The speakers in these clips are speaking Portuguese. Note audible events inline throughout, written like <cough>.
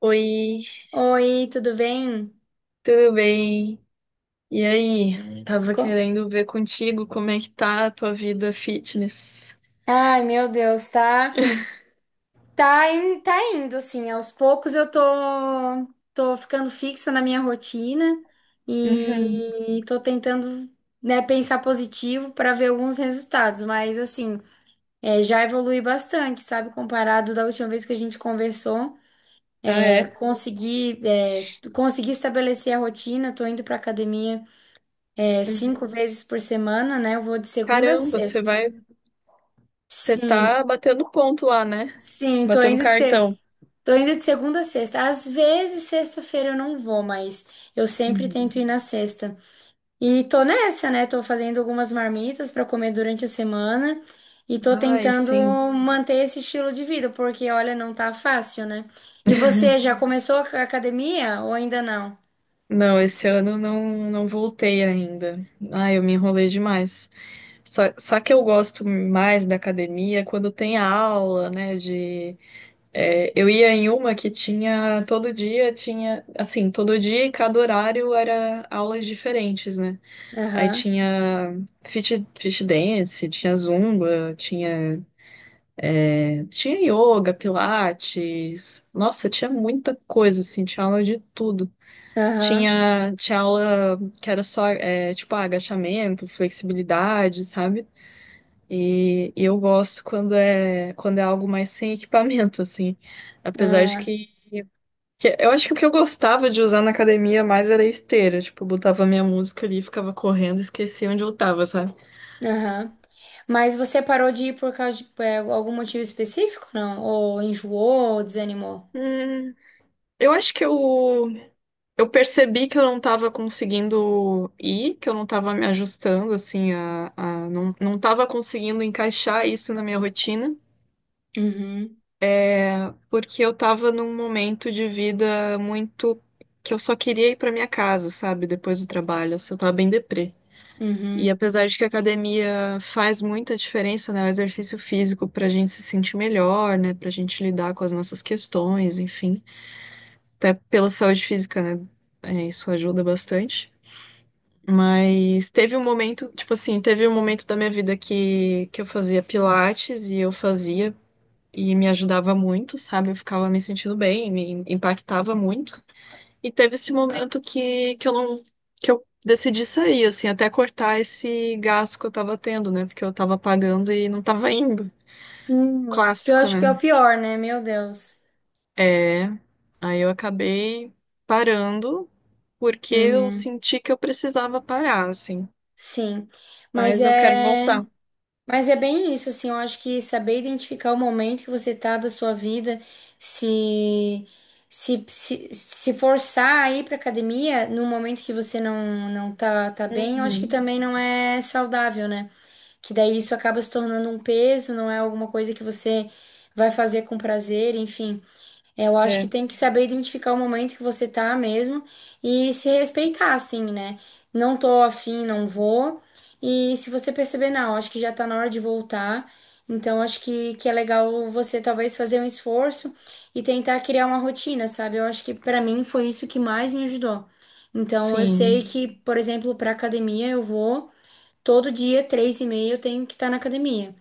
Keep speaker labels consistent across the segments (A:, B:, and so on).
A: Oi,
B: Oi, tudo bem?
A: tudo bem? E aí, tava
B: Co-
A: querendo ver contigo como é que tá a tua vida fitness.
B: Meu Deus, tá indo, assim, aos poucos eu tô ficando fixa na minha rotina
A: Uhum. <laughs>
B: e tô tentando, né, pensar positivo para ver alguns resultados, mas, assim, já evolui bastante, sabe, comparado da última vez que a gente conversou,
A: Ah, é?
B: consegui estabelecer a rotina, tô indo pra academia,
A: Uhum.
B: 5 vezes por semana, né, eu vou de segunda a
A: Caramba,
B: sexta.
A: você
B: Sim.
A: tá batendo ponto lá, né?
B: Sim, tô
A: Batendo
B: indo de ser,
A: cartão.
B: Tô indo de segunda a sexta. Às vezes sexta-feira eu não vou, mas eu sempre
A: Uhum.
B: tento ir na sexta. E tô nessa, né? Tô fazendo algumas marmitas pra comer durante a semana e tô
A: Ai,
B: tentando
A: sim.
B: manter esse estilo de vida, porque olha, não tá fácil, né? E você já começou a academia ou ainda não?
A: Não, esse ano eu não, não voltei ainda. Ai, eu me enrolei demais. Só que eu gosto mais da academia quando tem aula, né, de... É, eu ia em uma que tinha todo dia, tinha assim, todo dia e cada horário era aulas diferentes, né? Aí
B: Aham,
A: tinha fit dance, tinha zumba, tinha, tinha yoga, pilates. Nossa, tinha muita coisa, assim, tinha aula de tudo.
B: aham,
A: Tinha aula que era só, é, tipo, ah, agachamento, flexibilidade, sabe? E eu gosto quando é algo mais sem equipamento, assim. Apesar de
B: ah,
A: que... Eu acho que o que eu gostava de usar na academia mais era a esteira. Tipo, eu botava minha música ali, ficava correndo, esquecia onde eu tava, sabe?
B: aham. Mas você parou de ir por causa de algum motivo específico, não? Ou enjoou, ou desanimou?
A: Hum, eu acho que eu, eu percebi que eu não tava conseguindo ir, que eu não tava me ajustando, assim, não tava conseguindo encaixar isso na minha rotina,
B: Uhum,
A: porque eu tava num momento de vida muito que eu só queria ir pra minha casa, sabe? Depois do trabalho, assim, eu tava bem deprê. E
B: uhum.
A: apesar de que a academia faz muita diferença, né, o exercício físico para a gente se sentir melhor, né, para a gente lidar com as nossas questões, enfim, até pela saúde física, né, é, isso ajuda bastante. Mas teve um momento, tipo assim, teve um momento da minha vida que eu fazia pilates e eu fazia e me ajudava muito, sabe? Eu ficava me sentindo bem, me impactava muito. E teve esse momento que eu não, que eu decidi sair, assim, até cortar esse gasto que eu tava tendo, né? Porque eu tava pagando e não tava indo.
B: Uhum. Que eu
A: Clássico,
B: acho
A: né?
B: que é o pior, né? Meu Deus.
A: É. Aí eu acabei parando porque eu
B: Uhum.
A: senti que eu precisava parar, assim.
B: Sim. Mas
A: Mas eu quero
B: é,
A: voltar.
B: mas é bem isso, assim, eu acho que saber identificar o momento que você tá da sua vida, se se forçar a ir pra academia no momento que você não tá, tá bem, eu acho que
A: Uhum.
B: também não é saudável, né? Que daí isso acaba se tornando um peso, não é alguma coisa que você vai fazer com prazer, enfim. Eu acho que
A: É.
B: tem que saber identificar o momento que você tá mesmo e se respeitar, assim, né? Não tô afim, não vou. E se você perceber, não, acho que já tá na hora de voltar. Então, acho que é legal você talvez fazer um esforço e tentar criar uma rotina, sabe? Eu acho que pra mim foi isso que mais me ajudou. Então, eu sei
A: Sim.
B: que, por exemplo, pra academia eu vou todo dia, 3h30, eu tenho que estar na academia.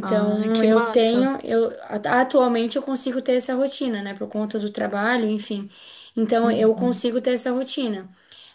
A: Ai, que
B: eu
A: massa.
B: tenho, eu a- atualmente eu consigo ter essa rotina, né, por conta do trabalho, enfim. Então, eu
A: Uhum.
B: consigo ter essa rotina.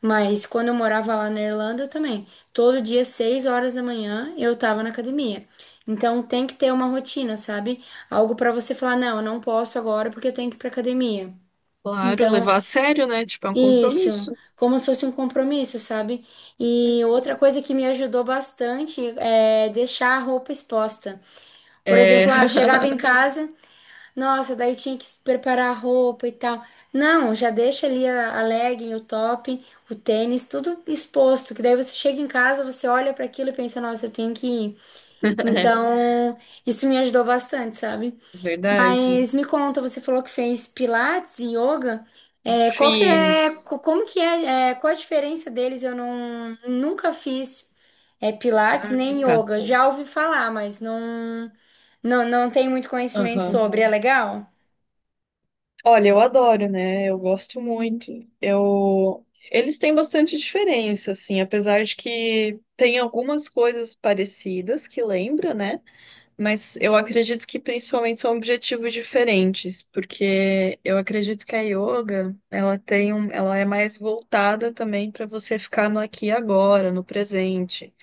B: Mas quando eu morava lá na Irlanda, eu também. Todo dia, 6 horas da manhã, eu tava na academia. Então, tem que ter uma rotina, sabe? Algo pra você falar, não, eu não posso agora porque eu tenho que ir pra academia.
A: Claro,
B: Então,
A: levar a sério, né? Tipo, é um
B: isso,
A: compromisso.
B: como se fosse um compromisso, sabe? E
A: Uhum.
B: outra coisa que me ajudou bastante é deixar a roupa exposta. Por
A: É.
B: exemplo, ah, eu chegava em casa, nossa, daí tinha que preparar a roupa e tal. Não, já deixa ali a legging, o top, o tênis, tudo exposto, que daí você chega em casa, você olha para aquilo e pensa, nossa, eu tenho que ir.
A: <laughs>
B: Então, isso me ajudou bastante, sabe?
A: É verdade.
B: Mas me conta, você falou que fez pilates e yoga. É, qual que é,
A: Fiz.
B: co- Como que é, qual a diferença deles? Eu não, nunca fiz pilates
A: Ah,
B: nem
A: tá.
B: yoga. Já ouvi falar, mas não tenho muito conhecimento
A: Aham.
B: sobre. É. Uhum. Legal?
A: Olha, eu adoro, né? Eu gosto muito. Eu... Eles têm bastante diferença, assim, apesar de que tem algumas coisas parecidas que lembra, né? Mas eu acredito que principalmente são objetivos diferentes, porque eu acredito que a yoga, ela tem um... ela é mais voltada também para você ficar no aqui e agora, no presente.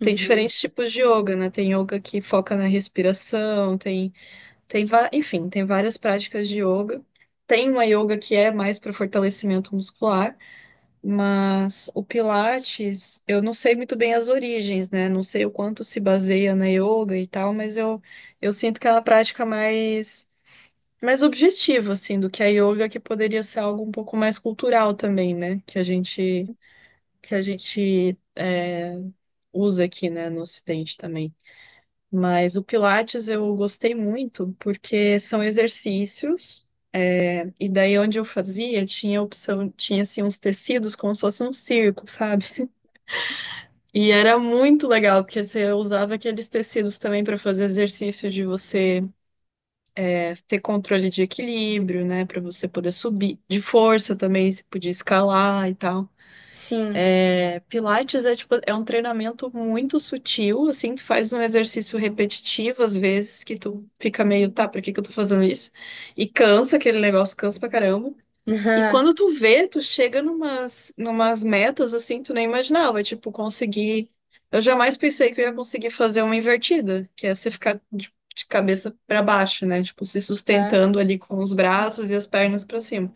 A: Tem
B: Uhum.
A: diferentes tipos de yoga, né? Tem yoga que foca na respiração, tem... enfim, tem várias práticas de yoga. Tem uma yoga que é mais para fortalecimento muscular, mas o Pilates, eu não sei muito bem as origens, né? Não sei o quanto se baseia na yoga e tal, eu sinto que é uma prática mais objetiva, assim, do que a yoga, que poderia ser algo um pouco mais cultural também, né? Que a gente é, usa aqui, né, no Ocidente também. Mas o Pilates eu gostei muito porque são exercícios. E daí onde eu fazia, tinha opção, tinha assim uns tecidos como se fosse um circo, sabe? E era muito legal, porque você usava aqueles tecidos também para fazer exercício de você é, ter controle de equilíbrio, né? Para você poder subir, de força também, você podia escalar e tal.
B: Sim.
A: É, Pilates é tipo, é um treinamento muito sutil, assim, tu faz um exercício repetitivo às vezes, que tu fica meio, tá, pra que que eu tô fazendo isso? E cansa aquele negócio, cansa pra caramba. E quando tu
B: <laughs>
A: vê, tu chega numas metas assim, tu nem imaginava, tipo, conseguir. Eu jamais pensei que eu ia conseguir fazer uma invertida, que é você ficar de cabeça pra baixo, né? Tipo, se
B: Ah,
A: sustentando ali com os braços e as pernas pra cima.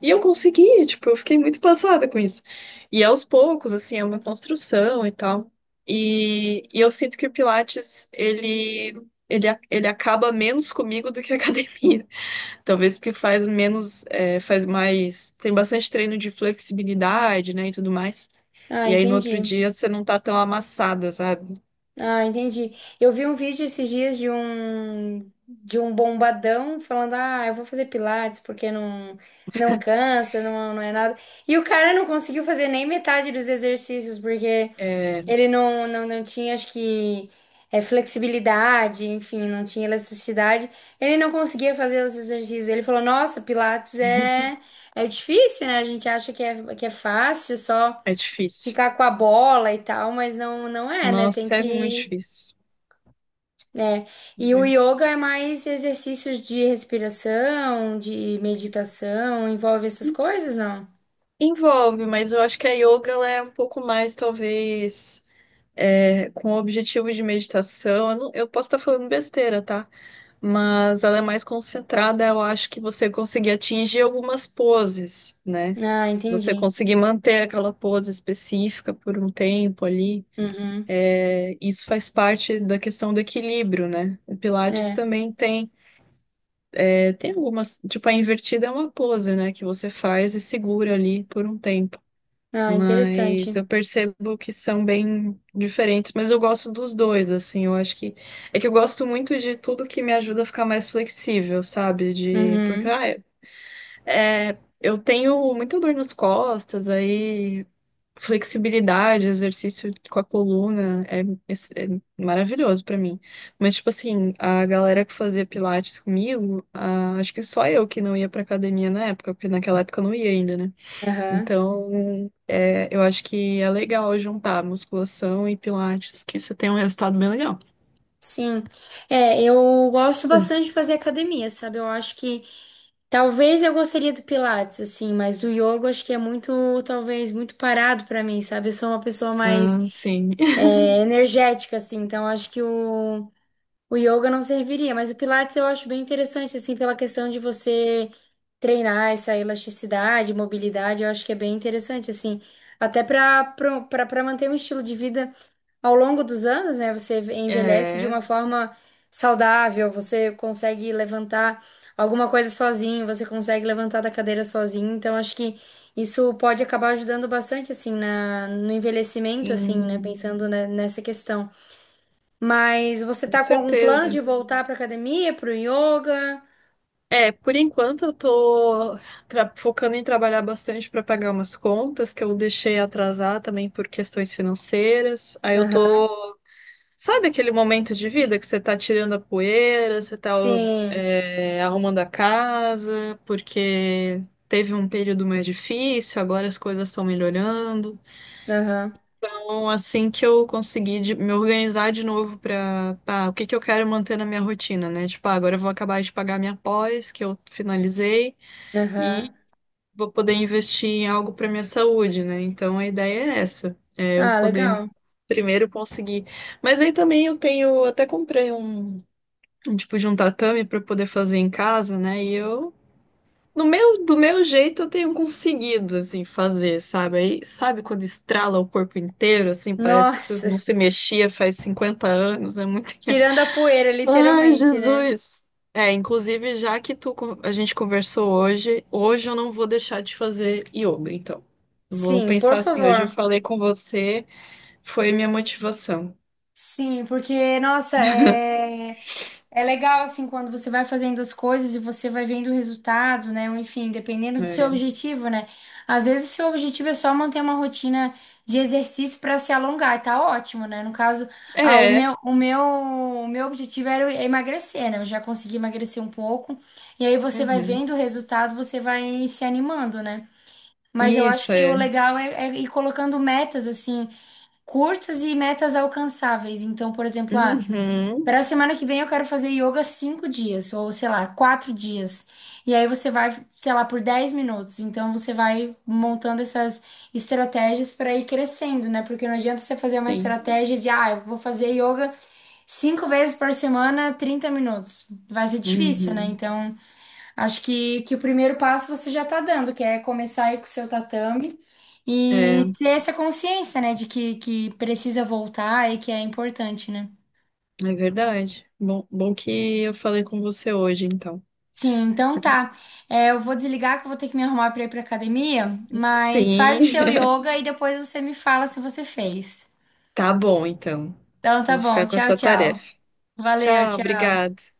A: E eu consegui, tipo, eu fiquei muito passada com isso. E aos poucos, assim, é uma construção e tal. E eu sinto que o Pilates, ele acaba menos comigo do que a <laughs> academia. Talvez porque faz menos, é, faz mais, tem bastante treino de flexibilidade, né, e tudo mais.
B: ah,
A: E aí no outro
B: entendi.
A: dia você não tá tão amassada, sabe?
B: Ah, entendi. Eu vi um vídeo esses dias de um bombadão falando: "Ah, eu vou fazer pilates porque não cansa, não é nada". E o cara não conseguiu fazer nem metade dos exercícios porque
A: É,
B: ele não tinha, acho que flexibilidade, enfim, não tinha elasticidade. Ele não conseguia fazer os exercícios. Ele falou: "Nossa, pilates é difícil, né? A gente acha que é fácil só
A: é difícil.
B: ficar com a bola e tal, mas não é, né? Tem
A: Nossa, é muito
B: que
A: difícil.
B: é, e o
A: Muito.
B: yoga é mais exercícios de respiração, de meditação, envolve essas coisas, não?
A: Envolve, mas eu acho que a yoga ela é um pouco mais, talvez, é, com o objetivo de meditação. Eu, não- eu posso estar falando besteira, tá? Mas ela é mais concentrada, eu acho que você conseguir atingir algumas poses, né?
B: Ah,
A: Você
B: entendi.
A: conseguir manter aquela pose específica por um tempo ali,
B: Uhum.
A: é, isso faz parte da questão do equilíbrio, né? O Pilates
B: É.
A: também tem, é, tem algumas, tipo, a invertida é uma pose, né, que você faz e segura ali por um tempo.
B: Ah, interessante.
A: Mas eu percebo que são bem diferentes, mas eu gosto dos dois, assim, eu acho que é que eu gosto muito de tudo que me ajuda a ficar mais flexível, sabe? De porque
B: Uhum.
A: ah, é, eu tenho muita dor nas costas, aí... Flexibilidade, exercício com a coluna, é, é maravilhoso pra mim. Mas, tipo assim, a galera que fazia pilates comigo, ah, acho que só eu que não ia pra academia na época, porque naquela época eu não ia ainda, né?
B: Aham.
A: Então, é, eu acho que é legal juntar musculação e pilates, que você tem um resultado bem legal.
B: Sim. Eu gosto
A: Hum.
B: bastante de fazer academia, sabe? Eu acho que talvez eu gostaria do Pilates, assim, mas do yoga eu acho que é muito, talvez, muito parado pra mim, sabe? Eu sou uma pessoa mais
A: Ah, sim. <laughs>
B: energética, assim, então eu acho que o yoga não serviria, mas o Pilates eu acho bem interessante, assim, pela questão de você treinar essa elasticidade, mobilidade, eu acho que é bem interessante, assim, até para manter um estilo de vida ao longo dos anos, né? Você envelhece de
A: É,
B: uma forma saudável, você consegue levantar alguma coisa sozinho, você consegue levantar da cadeira sozinho, então acho que isso pode acabar ajudando bastante, assim, no envelhecimento, assim, né?
A: sim,
B: Pensando, né, nessa questão. Mas você
A: com
B: tá com algum plano
A: certeza.
B: de voltar pra academia, pro yoga?
A: É, por enquanto eu tô focando em trabalhar bastante para pagar umas contas que eu deixei atrasar também por questões financeiras. Aí eu
B: Aham.
A: tô, sabe aquele momento de vida que você tá tirando a poeira, você tá
B: Sim.
A: é, arrumando a casa, porque teve um período mais difícil, agora as coisas estão melhorando.
B: Aham.
A: Então, assim que eu conseguir me organizar de novo para, o que que eu quero manter na minha rotina, né? Tipo, ah, agora eu vou acabar de pagar minha pós que eu finalizei e
B: Aham.
A: vou poder investir em algo para minha saúde, né? Então a ideia é essa, é eu
B: Ah,
A: poder
B: legal.
A: primeiro conseguir. Mas aí também eu tenho, até comprei um tipo de um tatame para poder fazer em casa, né? E eu no meu, do meu jeito eu tenho conseguido assim fazer, sabe? Aí sabe quando estrala o corpo inteiro, assim, parece que você
B: Nossa,
A: não
B: <laughs>
A: se mexia faz 50 anos, é muito...
B: tirando a poeira,
A: Ai,
B: literalmente, né?
A: Jesus. É, inclusive, já que tu, con- a gente conversou hoje, hoje eu não vou deixar de fazer yoga, então. Vou
B: Sim, por
A: pensar assim, hoje eu
B: favor.
A: falei com você, foi minha motivação.
B: Sim, porque, nossa, é. É legal, assim, quando você vai fazendo as coisas e você vai vendo o resultado, né? Ou, enfim, dependendo do seu
A: É.
B: objetivo, né? Às vezes o seu objetivo é só manter uma rotina de exercício para se alongar, e tá ótimo, né? No caso, ah,
A: É.
B: o meu objetivo era emagrecer, né? Eu já consegui emagrecer um pouco. E aí você vai
A: Uhum.
B: vendo o resultado, você vai se animando, né? Mas eu acho
A: Isso,
B: que o
A: é.
B: legal é, é ir colocando metas, assim, curtas e metas alcançáveis. Então, por exemplo, ah,
A: Uhum.
B: para semana que vem eu quero fazer yoga 5 dias, ou sei lá, 4 dias. E aí você vai, sei lá, por 10 minutos. Então você vai montando essas estratégias para ir crescendo, né? Porque não adianta você fazer uma
A: Sim.
B: estratégia de, ah, eu vou fazer yoga 5 vezes por semana, 30 minutos. Vai ser difícil, né?
A: Uhum.
B: Então acho que o primeiro passo você já tá dando, que é começar aí com o seu tatame.
A: É,
B: E ter essa consciência, né, de que precisa voltar e que é importante, né?
A: é verdade. Bom, bom que eu falei com você hoje, então.
B: Sim, então tá. É, eu vou desligar que eu vou ter que me arrumar pra ir pra academia, mas faz o
A: Sim.
B: seu
A: <laughs>
B: yoga e depois você me fala se você fez.
A: Tá bom, então.
B: Então tá
A: Vou
B: bom,
A: ficar com
B: tchau,
A: essa
B: tchau.
A: tarefa.
B: Valeu,
A: Tchau,
B: tchau.
A: obrigada.